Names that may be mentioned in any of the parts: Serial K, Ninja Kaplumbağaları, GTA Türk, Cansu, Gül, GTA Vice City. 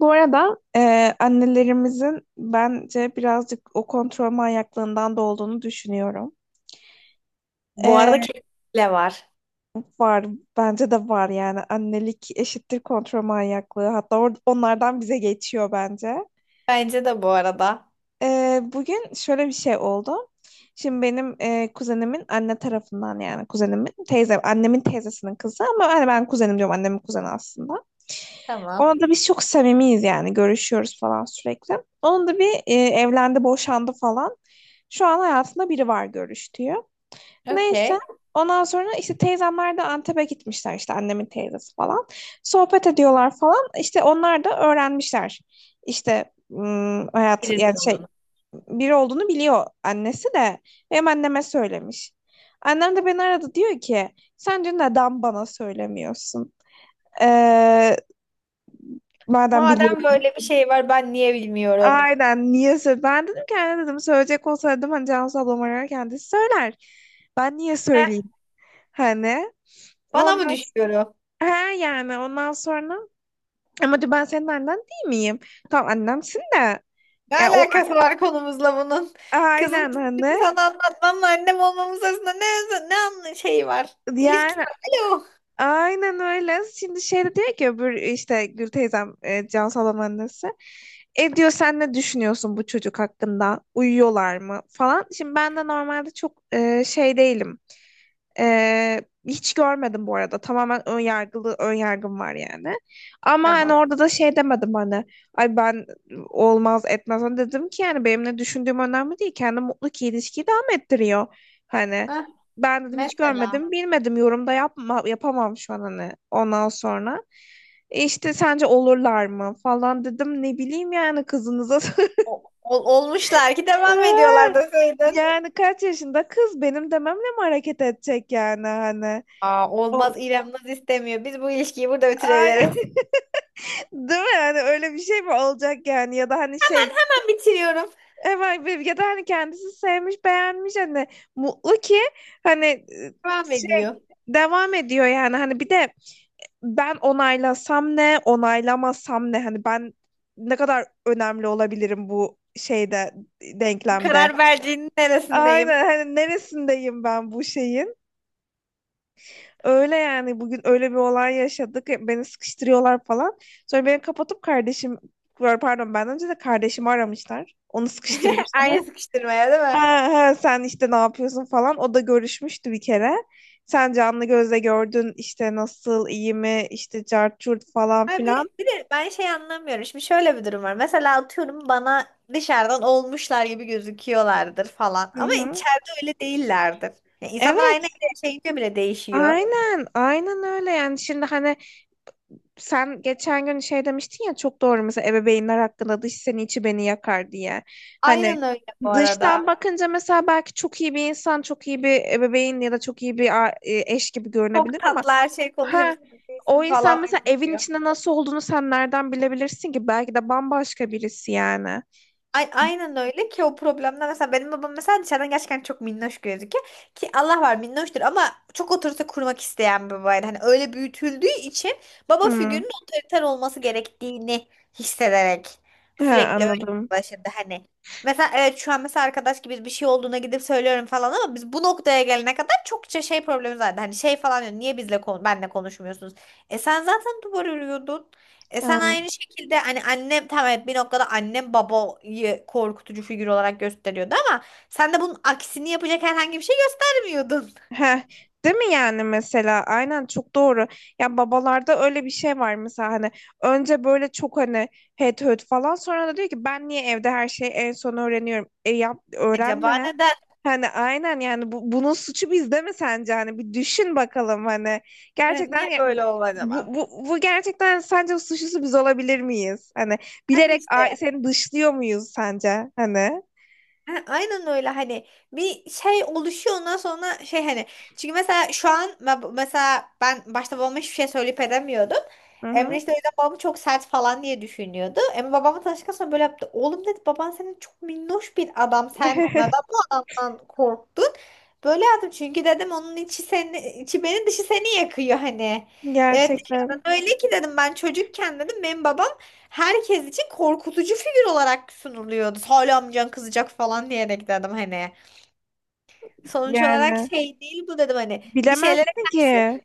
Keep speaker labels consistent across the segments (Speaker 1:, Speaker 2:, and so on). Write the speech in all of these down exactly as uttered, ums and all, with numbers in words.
Speaker 1: Bu arada e, annelerimizin bence birazcık o kontrol manyaklığından da olduğunu düşünüyorum.
Speaker 2: Bu arada
Speaker 1: E,
Speaker 2: kesinlikle var.
Speaker 1: Var, bence de var yani annelik eşittir kontrol manyaklığı. Hatta or- onlardan bize geçiyor bence.
Speaker 2: Bence de bu arada.
Speaker 1: E, bugün şöyle bir şey oldu. Şimdi benim e, kuzenimin anne tarafından yani kuzenimin teyze, annemin teyzesinin kızı ama hani ben kuzenim diyorum annemin kuzeni aslında.
Speaker 2: Tamam.
Speaker 1: Ona da biz çok samimiyiz yani görüşüyoruz falan sürekli. Onun da bir e, evlendi, boşandı falan. Şu an hayatında biri var görüştüğü. Neyse
Speaker 2: Okey.
Speaker 1: ondan sonra işte teyzemler de Antep'e gitmişler işte annemin teyzesi falan. Sohbet ediyorlar falan. İşte onlar da öğrenmişler. İşte hmm, hayat yani şey biri olduğunu biliyor annesi de. Hem anneme söylemiş. Annem de beni aradı diyor ki sen dün neden bana söylemiyorsun? Ee, Madem
Speaker 2: Madem
Speaker 1: biliyorsun.
Speaker 2: böyle bir şey var ben niye bilmiyorum?
Speaker 1: Aynen niye söyle? Ben dedim ki anne dedim söyleyecek olsaydım hani Cansu ablam ararken kendisi söyler. Ben niye
Speaker 2: Heh,
Speaker 1: söyleyeyim? Hani
Speaker 2: bana mı
Speaker 1: ondan s-
Speaker 2: düşüyorum?
Speaker 1: ha yani ondan sonra ama diyor ben senin annen değil miyim? Tamam annemsin de.
Speaker 2: Ne
Speaker 1: Ya o
Speaker 2: alakası var konumuzla bunun? Kızım,
Speaker 1: aynen hani
Speaker 2: sana anlatmamla annem olmamız arasında ne, ne anla- şey var? İlişki
Speaker 1: yani
Speaker 2: var. Alo.
Speaker 1: aynen öyle. Şimdi şey de diyor ki öbür işte Gül teyzem e, Can Salam annesi. E diyor sen ne düşünüyorsun bu çocuk hakkında? Uyuyorlar mı falan. Şimdi ben de normalde çok e, şey değilim. E, Hiç görmedim bu arada. Tamamen ön yargılı ön yargım var yani. Ama hani
Speaker 2: Tamam.
Speaker 1: orada da şey demedim hani ay ben olmaz etmez hani dedim ki yani benim ne düşündüğüm önemli değil. Kendi mutlu ki ilişkiyi devam ettiriyor. Hani
Speaker 2: Hah,
Speaker 1: ben dedim hiç
Speaker 2: mesela.
Speaker 1: görmedim, bilmedim. Yorumda yapma, yapamam şu an hani ondan sonra. E işte sence olurlar mı falan dedim. Ne bileyim yani kızınıza.
Speaker 2: O- ol- olmuşlar ki devam ediyorlar deseydin.
Speaker 1: Yani kaç yaşında kız benim dememle mi hareket edecek yani hani.
Speaker 2: Aa, olmaz,
Speaker 1: On,
Speaker 2: İrem Naz istemiyor. Biz bu ilişkiyi burada
Speaker 1: Ay,
Speaker 2: bitirebiliriz.
Speaker 1: değil mi? Yani öyle bir şey mi olacak yani ya da hani şey
Speaker 2: Hemen bitiriyorum.
Speaker 1: evet bir- ya da hani kendisi sevmiş beğenmiş hani mutlu ki hani e,
Speaker 2: Devam ediyor.
Speaker 1: şey devam ediyor yani hani bir de ben onaylasam ne, onaylamasam ne? Hani ben ne kadar önemli olabilirim bu şeyde,
Speaker 2: Bu
Speaker 1: denklemde.
Speaker 2: karar verdiğinin neresindeyim?
Speaker 1: Aynen hani neresindeyim ben bu şeyin? Öyle yani bugün öyle bir olay yaşadık. Beni sıkıştırıyorlar falan. Sonra beni kapatıp kardeşim pardon ben önce de kardeşimi aramışlar. Onu sıkıştırmışlar.
Speaker 2: Aynı sıkıştırmaya değil mi?
Speaker 1: Ha, ha, sen işte ne yapıyorsun falan. O da görüşmüştü bir kere. Sen canlı gözle gördün işte nasıl iyi mi işte cart curt falan
Speaker 2: Ay, bir,
Speaker 1: filan.
Speaker 2: bir de ben şey anlamıyorum. Şimdi şöyle bir durum var. Mesela atıyorum, bana dışarıdan olmuşlar gibi gözüküyorlardır falan.
Speaker 1: Hı
Speaker 2: Ama
Speaker 1: hı.
Speaker 2: içeride öyle değillerdir. Yani insanlar aynı
Speaker 1: Evet,
Speaker 2: evde yaşayınca bile değişiyor.
Speaker 1: aynen, aynen öyle yani şimdi hani sen geçen gün şey demiştin ya çok doğru mesela ebeveynler hakkında dış seni içi beni yakar diye. Hani
Speaker 2: Aynen öyle bu
Speaker 1: dıştan
Speaker 2: arada.
Speaker 1: bakınca mesela belki çok iyi bir insan, çok iyi bir ebeveyn ya da çok iyi bir a- e, eş gibi
Speaker 2: Çok
Speaker 1: görünebilir ama
Speaker 2: tatlı her şey
Speaker 1: ha o
Speaker 2: konuşuyorsun falan.
Speaker 1: insan mesela evin içinde nasıl olduğunu sen nereden bilebilirsin ki? Belki de bambaşka birisi yani.
Speaker 2: Ay- aynen öyle ki, o problemler mesela. Benim babam mesela dışarıdan gerçekten çok minnoş gözüküyor ki Allah var minnoştur, ama çok otorite kurmak isteyen bir babaydı. Hani öyle büyütüldüğü için baba
Speaker 1: Hmm.
Speaker 2: figürünün otoriter olması gerektiğini hissederek
Speaker 1: Ha,
Speaker 2: sürekli öyle
Speaker 1: anladım.
Speaker 2: başladı hani. Mesela evet, şu an mesela arkadaş gibi bir şey olduğuna gidip söylüyorum falan, ama biz bu noktaya gelene kadar çokça şey problemi vardı. Hani şey falan diyor, niye bizle kon benle konuşmuyorsunuz? E sen zaten duvar örüyordun. E sen aynı şekilde hani, annem tamam evet, bir noktada annem babayı korkutucu figür olarak gösteriyordu, ama sen de bunun aksini yapacak herhangi bir şey göstermiyordun.
Speaker 1: Heh, değil mi yani mesela aynen çok doğru. Ya babalarda öyle bir şey var mesela hani önce böyle çok hani het höt falan sonra da diyor ki ben niye evde her şeyi en son öğreniyorum. E yap
Speaker 2: Acaba
Speaker 1: öğrenme.
Speaker 2: neden?
Speaker 1: Hani aynen yani bu, bunun suçu bizde mi sence hani bir düşün bakalım hani gerçekten
Speaker 2: Niye
Speaker 1: ya-
Speaker 2: böyle oldu acaba?
Speaker 1: bu, bu, bu gerçekten sence suçlusu biz olabilir miyiz? Hani
Speaker 2: Ha
Speaker 1: bilerek a-
Speaker 2: işte.
Speaker 1: seni dışlıyor muyuz sence hani?
Speaker 2: Ha, aynen öyle hani, bir şey oluşuyor ondan sonra şey hani, çünkü mesela şu an me- mesela ben başta babama hiçbir şey söyleyip edemiyordum.
Speaker 1: Hı
Speaker 2: Emre
Speaker 1: hı.
Speaker 2: işte o yüzden babamı çok sert falan diye düşünüyordu. Emre babamla tanıştıktan sonra böyle yaptı. Oğlum dedi, baban senin çok minnoş bir adam. Sen neden bu adamdan korktun? Böyle yaptım çünkü dedim, onun içi seni, içi beni dışı seni yakıyor hani. Evet,
Speaker 1: Gerçekten
Speaker 2: dışarıdan öyle ki dedim, ben çocukken dedim benim babam herkes için korkutucu figür olarak sunuluyordu. Hala amcan kızacak falan diyerek dedim hani. Sonuç olarak
Speaker 1: yani.
Speaker 2: şey değil bu dedim hani. Bir şeylere
Speaker 1: Bilemezsin
Speaker 2: karşı.
Speaker 1: ki.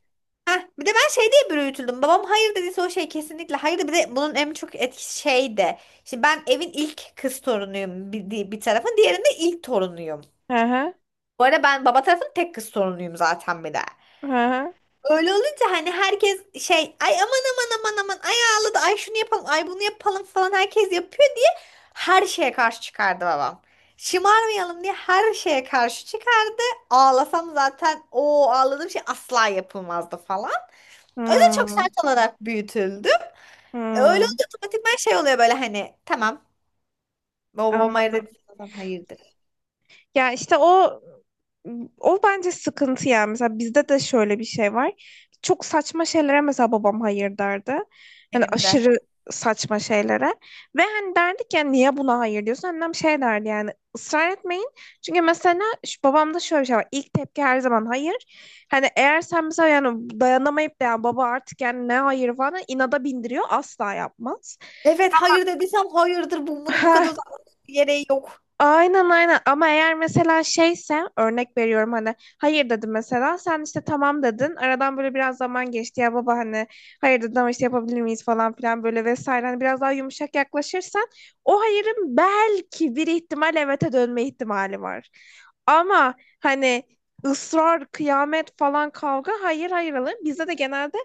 Speaker 2: Heh, bir de ben şey diye bir öğütüldüm. Babam hayır dediyse o şey kesinlikle hayır, bir de bunun en çok etkisi şey de. Şimdi ben evin ilk kız torunuyum bir, bir tarafın. Diğerinde ilk torunuyum.
Speaker 1: Hı hı.
Speaker 2: Bu arada ben baba tarafın tek kız torunuyum zaten bir de.
Speaker 1: Hı hı.
Speaker 2: Öyle olunca hani herkes şey, ay aman aman aman aman, ay ağladı, ay şunu yapalım, ay bunu yapalım falan, herkes yapıyor diye her şeye karşı çıkardı babam. Şımarmayalım diye her şeye karşı çıkardı. Ağlasam zaten o ağladığım şey asla yapılmazdı falan. Öyle çok
Speaker 1: Hmm,
Speaker 2: sert olarak büyütüldü. E, Öyle
Speaker 1: hmm.
Speaker 2: olunca otomatikman şey oluyor böyle hani, tamam, babam hayır dediysem hayırdır,
Speaker 1: Ya işte o o bence sıkıntı yani. Mesela bizde de şöyle bir şey var. Çok saçma şeylere mesela babam hayır derdi. Hani
Speaker 2: benim de.
Speaker 1: aşırı saçma şeylere. Ve hani derdik ya niye buna hayır diyorsun? Annem şey derdi yani ısrar etmeyin. Çünkü mesela şu, babamda şöyle bir şey var. İlk tepki her zaman hayır. Hani eğer sen mesela yani dayanamayıp da yani baba artık yani ne hayır falan inada bindiriyor asla yapmaz.
Speaker 2: Evet, hayır dediysem hayırdır, bu- bunun bu kadar uzatmanın bir gereği yok.
Speaker 1: Aynen aynen ama eğer mesela şeyse örnek veriyorum hani hayır dedim mesela sen işte tamam dedin aradan böyle biraz zaman geçti ya baba hani hayır dedim ama işte yapabilir miyiz falan filan böyle vesaire hani biraz daha yumuşak yaklaşırsan o hayırın belki bir ihtimal evete dönme ihtimali var. Ama hani ısrar kıyamet falan kavga hayır hayır alır bizde de genelde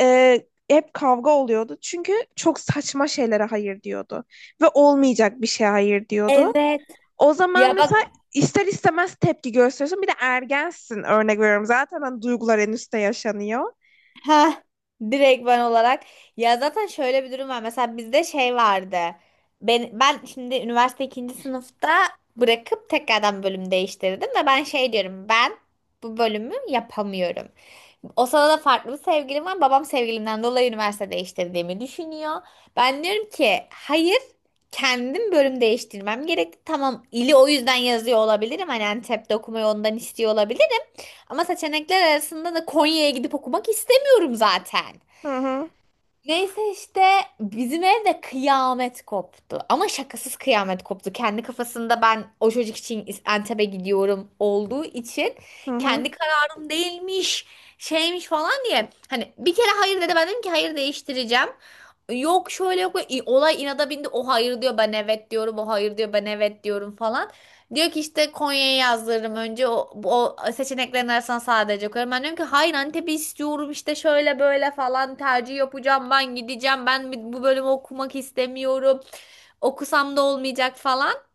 Speaker 1: e, hep kavga oluyordu çünkü çok saçma şeylere hayır diyordu ve olmayacak bir şey hayır diyordu.
Speaker 2: Evet.
Speaker 1: O zaman
Speaker 2: Ya bak.
Speaker 1: mesela ister istemez tepki gösteriyorsun. Bir de ergensin örnek veriyorum. Zaten hani duygular en üstte yaşanıyor.
Speaker 2: Ha, direkt ben olarak. Ya zaten şöyle bir durum var. Mesela bizde şey vardı. Ben, ben şimdi üniversite ikinci sınıfta bırakıp tekrardan bölüm değiştirdim ve ben şey diyorum, ben bu bölümü yapamıyorum. O sırada farklı bir sevgilim var. Babam sevgilimden dolayı üniversite değiştirdiğimi düşünüyor. Ben diyorum ki hayır, kendim bölüm değiştirmem gerekti. Tamam, ili o yüzden yazıyor olabilirim. Hani Antep'te okumayı ondan istiyor olabilirim. Ama seçenekler arasında da Konya'ya gidip okumak istemiyorum zaten.
Speaker 1: Hı hı
Speaker 2: Neyse işte, bizim evde kıyamet koptu. Ama şakasız kıyamet koptu. Kendi kafasında ben o çocuk için Antep'e gidiyorum olduğu için,
Speaker 1: hı hı
Speaker 2: kendi kararım değilmiş, şeymiş falan diye. Hani bir kere hayır dedi, ben dedim ki hayır, değiştireceğim. Yok şöyle, yok böyle. İ- Olay inada bindi. O hayır diyor, ben evet diyorum. O hayır diyor, ben evet diyorum falan. Diyor ki işte, Konya'yı yazdırırım önce, o, o seçeneklerin arasına sadece koyarım. Ben diyorum ki hayır, Antep'i istiyorum işte, şöyle böyle falan, tercih yapacağım, ben gideceğim, ben bu bölümü okumak istemiyorum. Okusam da olmayacak falan.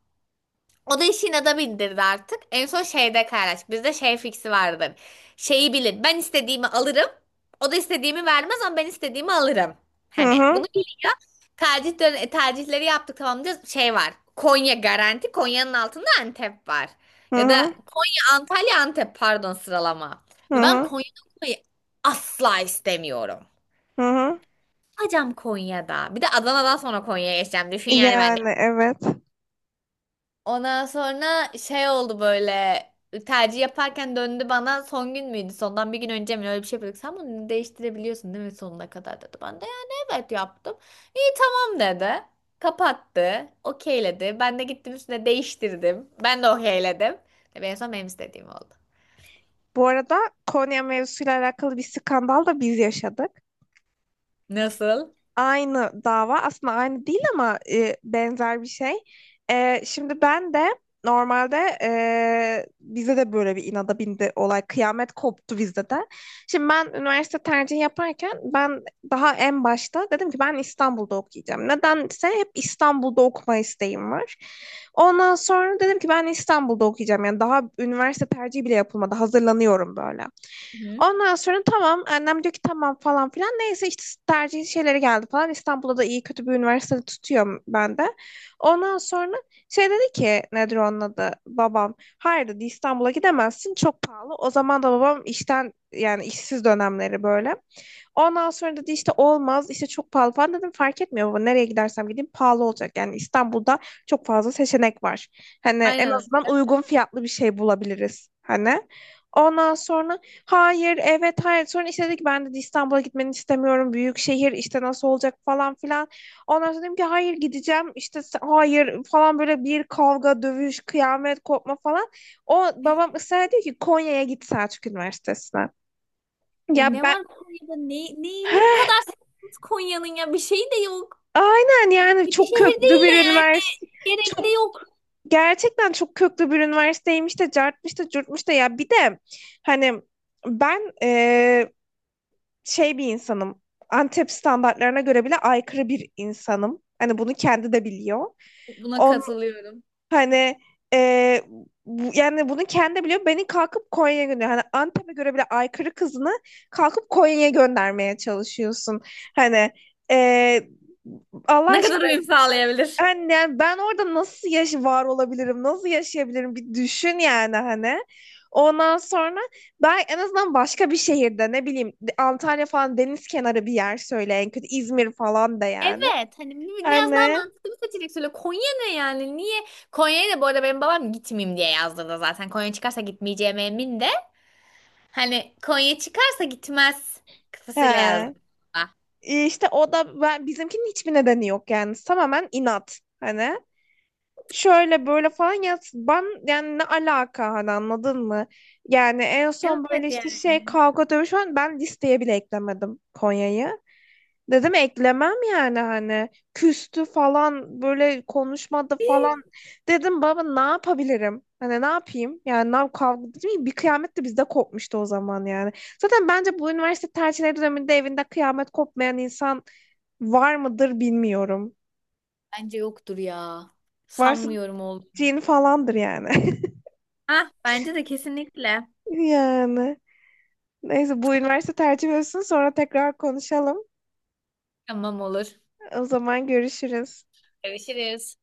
Speaker 2: O da işin adamı indirdi artık. En son şeyde paylaştık. Bizde şey fiksi vardır. Şeyi bilin. Ben istediğimi alırım. O da istediğimi vermez, ama ben istediğimi alırım.
Speaker 1: hı
Speaker 2: Hani
Speaker 1: hı
Speaker 2: bunu biliyor. Tercihleri, tercihleri yaptık tamam diyoruz. Şey var. Konya garanti. Konya'nın altında Antep var. Ya da
Speaker 1: hı
Speaker 2: Konya, Antalya, Antep, pardon sıralama. Ve ben
Speaker 1: hı
Speaker 2: Konya'da okumayı asla istemiyorum.
Speaker 1: hı hı.
Speaker 2: Hocam Konya'da. Bir de Adana'dan sonra Konya'ya geçeceğim. Düşün yani ben.
Speaker 1: Yani evet.
Speaker 2: Ondan sonra şey oldu böyle, tercih yaparken döndü bana, son gün müydü sondan bir gün önce mi, öyle bir şey yapıyorduk, sen bunu değiştirebiliyorsun değil mi sonuna kadar dedi, ben de yani evet yaptım, iyi tamam dedi, kapattı, okeyledi, ben de gittim üstüne değiştirdim, ben de okeyledim ve en son benim istediğim oldu.
Speaker 1: Bu arada Konya mevzusuyla alakalı bir skandal da biz yaşadık.
Speaker 2: Nasıl?
Speaker 1: Aynı dava aslında aynı değil ama e, benzer bir şey. E, şimdi ben de normalde e, bize de böyle bir inada bindi olay. Kıyamet koptu bizde de. Şimdi ben üniversite tercihi yaparken ben daha en başta dedim ki ben İstanbul'da okuyacağım. Nedense hep İstanbul'da okuma isteğim var. Ondan sonra dedim ki ben İstanbul'da okuyacağım. Yani daha üniversite tercihi bile yapılmadı. Hazırlanıyorum böyle.
Speaker 2: Hı.
Speaker 1: Ondan sonra tamam annem diyor ki tamam falan filan. Neyse işte tercih şeyleri geldi falan. İstanbul'da da iyi kötü bir üniversitede tutuyorum ben de. Ondan sonra şey dedi ki nedir onun adı babam. Hayır dedi İstanbul'a gidemezsin çok pahalı. O zaman da babam işten yani işsiz dönemleri böyle. Ondan sonra dedi işte olmaz işte çok pahalı falan dedim fark etmiyor baba nereye gidersem gideyim pahalı olacak. Yani İstanbul'da çok fazla seçenek var. Hani en
Speaker 2: Aynen
Speaker 1: azından
Speaker 2: öyle.
Speaker 1: uygun fiyatlı bir şey bulabiliriz. Hani ondan sonra hayır, evet, hayır. Sonra işte dedi ki ben dedi İstanbul'a gitmeni istemiyorum. Büyük şehir işte nasıl olacak falan filan. Ondan sonra dedim ki hayır gideceğim. İşte s- hayır falan böyle bir kavga, dövüş, kıyamet kopma falan. O babam ısrar ediyor ki Konya'ya git Selçuk Üniversitesi'ne.
Speaker 2: Ya
Speaker 1: Ya
Speaker 2: ne
Speaker 1: ben
Speaker 2: var Konya'da? Ne, neyini bu kadar seviyorsunuz Konya'nın ya? Bir şey de yok.
Speaker 1: aynen yani çok köklü bir üniversite.
Speaker 2: Gerek-
Speaker 1: Çok gerçekten çok köklü bir üniversiteymiş de cartmış da curtmuş da ya bir de hani ben şey bir insanım. Antep standartlarına göre bile aykırı bir insanım. Hani bunu kendi de biliyor.
Speaker 2: Buna
Speaker 1: On
Speaker 2: katılıyorum.
Speaker 1: Hani e, bu- yani bunu kendi biliyor. Beni kalkıp Konya'ya gönderiyor. Hani Antep'e göre bile aykırı kızını kalkıp Konya'ya göndermeye çalışıyorsun. Hani e, Allah
Speaker 2: Ne kadar
Speaker 1: aşkına
Speaker 2: uyum sağlayabilir?
Speaker 1: yani, yani, ben orada nasıl yaş var olabilirim, nasıl yaşayabilirim bir düşün yani hani. Ondan sonra ben en azından başka bir şehirde ne bileyim Antalya falan deniz kenarı bir yer söyle en kötü İzmir falan da yani.
Speaker 2: Evet hani, bi- biraz daha
Speaker 1: Hani
Speaker 2: mantıklı bir seçenek söyle. Konya ne yani? Niye? Konya'ya da bu arada benim babam gitmeyeyim diye yazdırdı zaten. Konya çıkarsa gitmeyeceğime emin de. Hani Konya çıkarsa gitmez kafasıyla yazdı.
Speaker 1: he. İşte o da ben, bizimkinin hiçbir nedeni yok yani tamamen inat hani. Şöyle böyle falan ya ben yani ne alaka hani anladın mı? Yani en son böyle
Speaker 2: Evet
Speaker 1: işte şey
Speaker 2: yani.
Speaker 1: kavga dövüş falan ben listeye bile eklemedim Konya'yı. Dedim eklemem yani hani küstü falan böyle konuşmadı falan. Dedim baba ne yapabilirim? Hani ne yapayım? Yani ne yap- kavga değil mi? Bir kıyamet de bizde kopmuştu o zaman yani. Zaten bence bu üniversite tercihleri döneminde evinde kıyamet kopmayan insan var mıdır bilmiyorum.
Speaker 2: Bence yoktur ya.
Speaker 1: Varsa
Speaker 2: Sanmıyorum, oldu.
Speaker 1: cin falandır yani.
Speaker 2: Ah, bence de kesinlikle.
Speaker 1: Yani. Neyse bu üniversite tercih olsun sonra tekrar konuşalım.
Speaker 2: Tamam, olur.
Speaker 1: O zaman görüşürüz.
Speaker 2: Görüşürüz.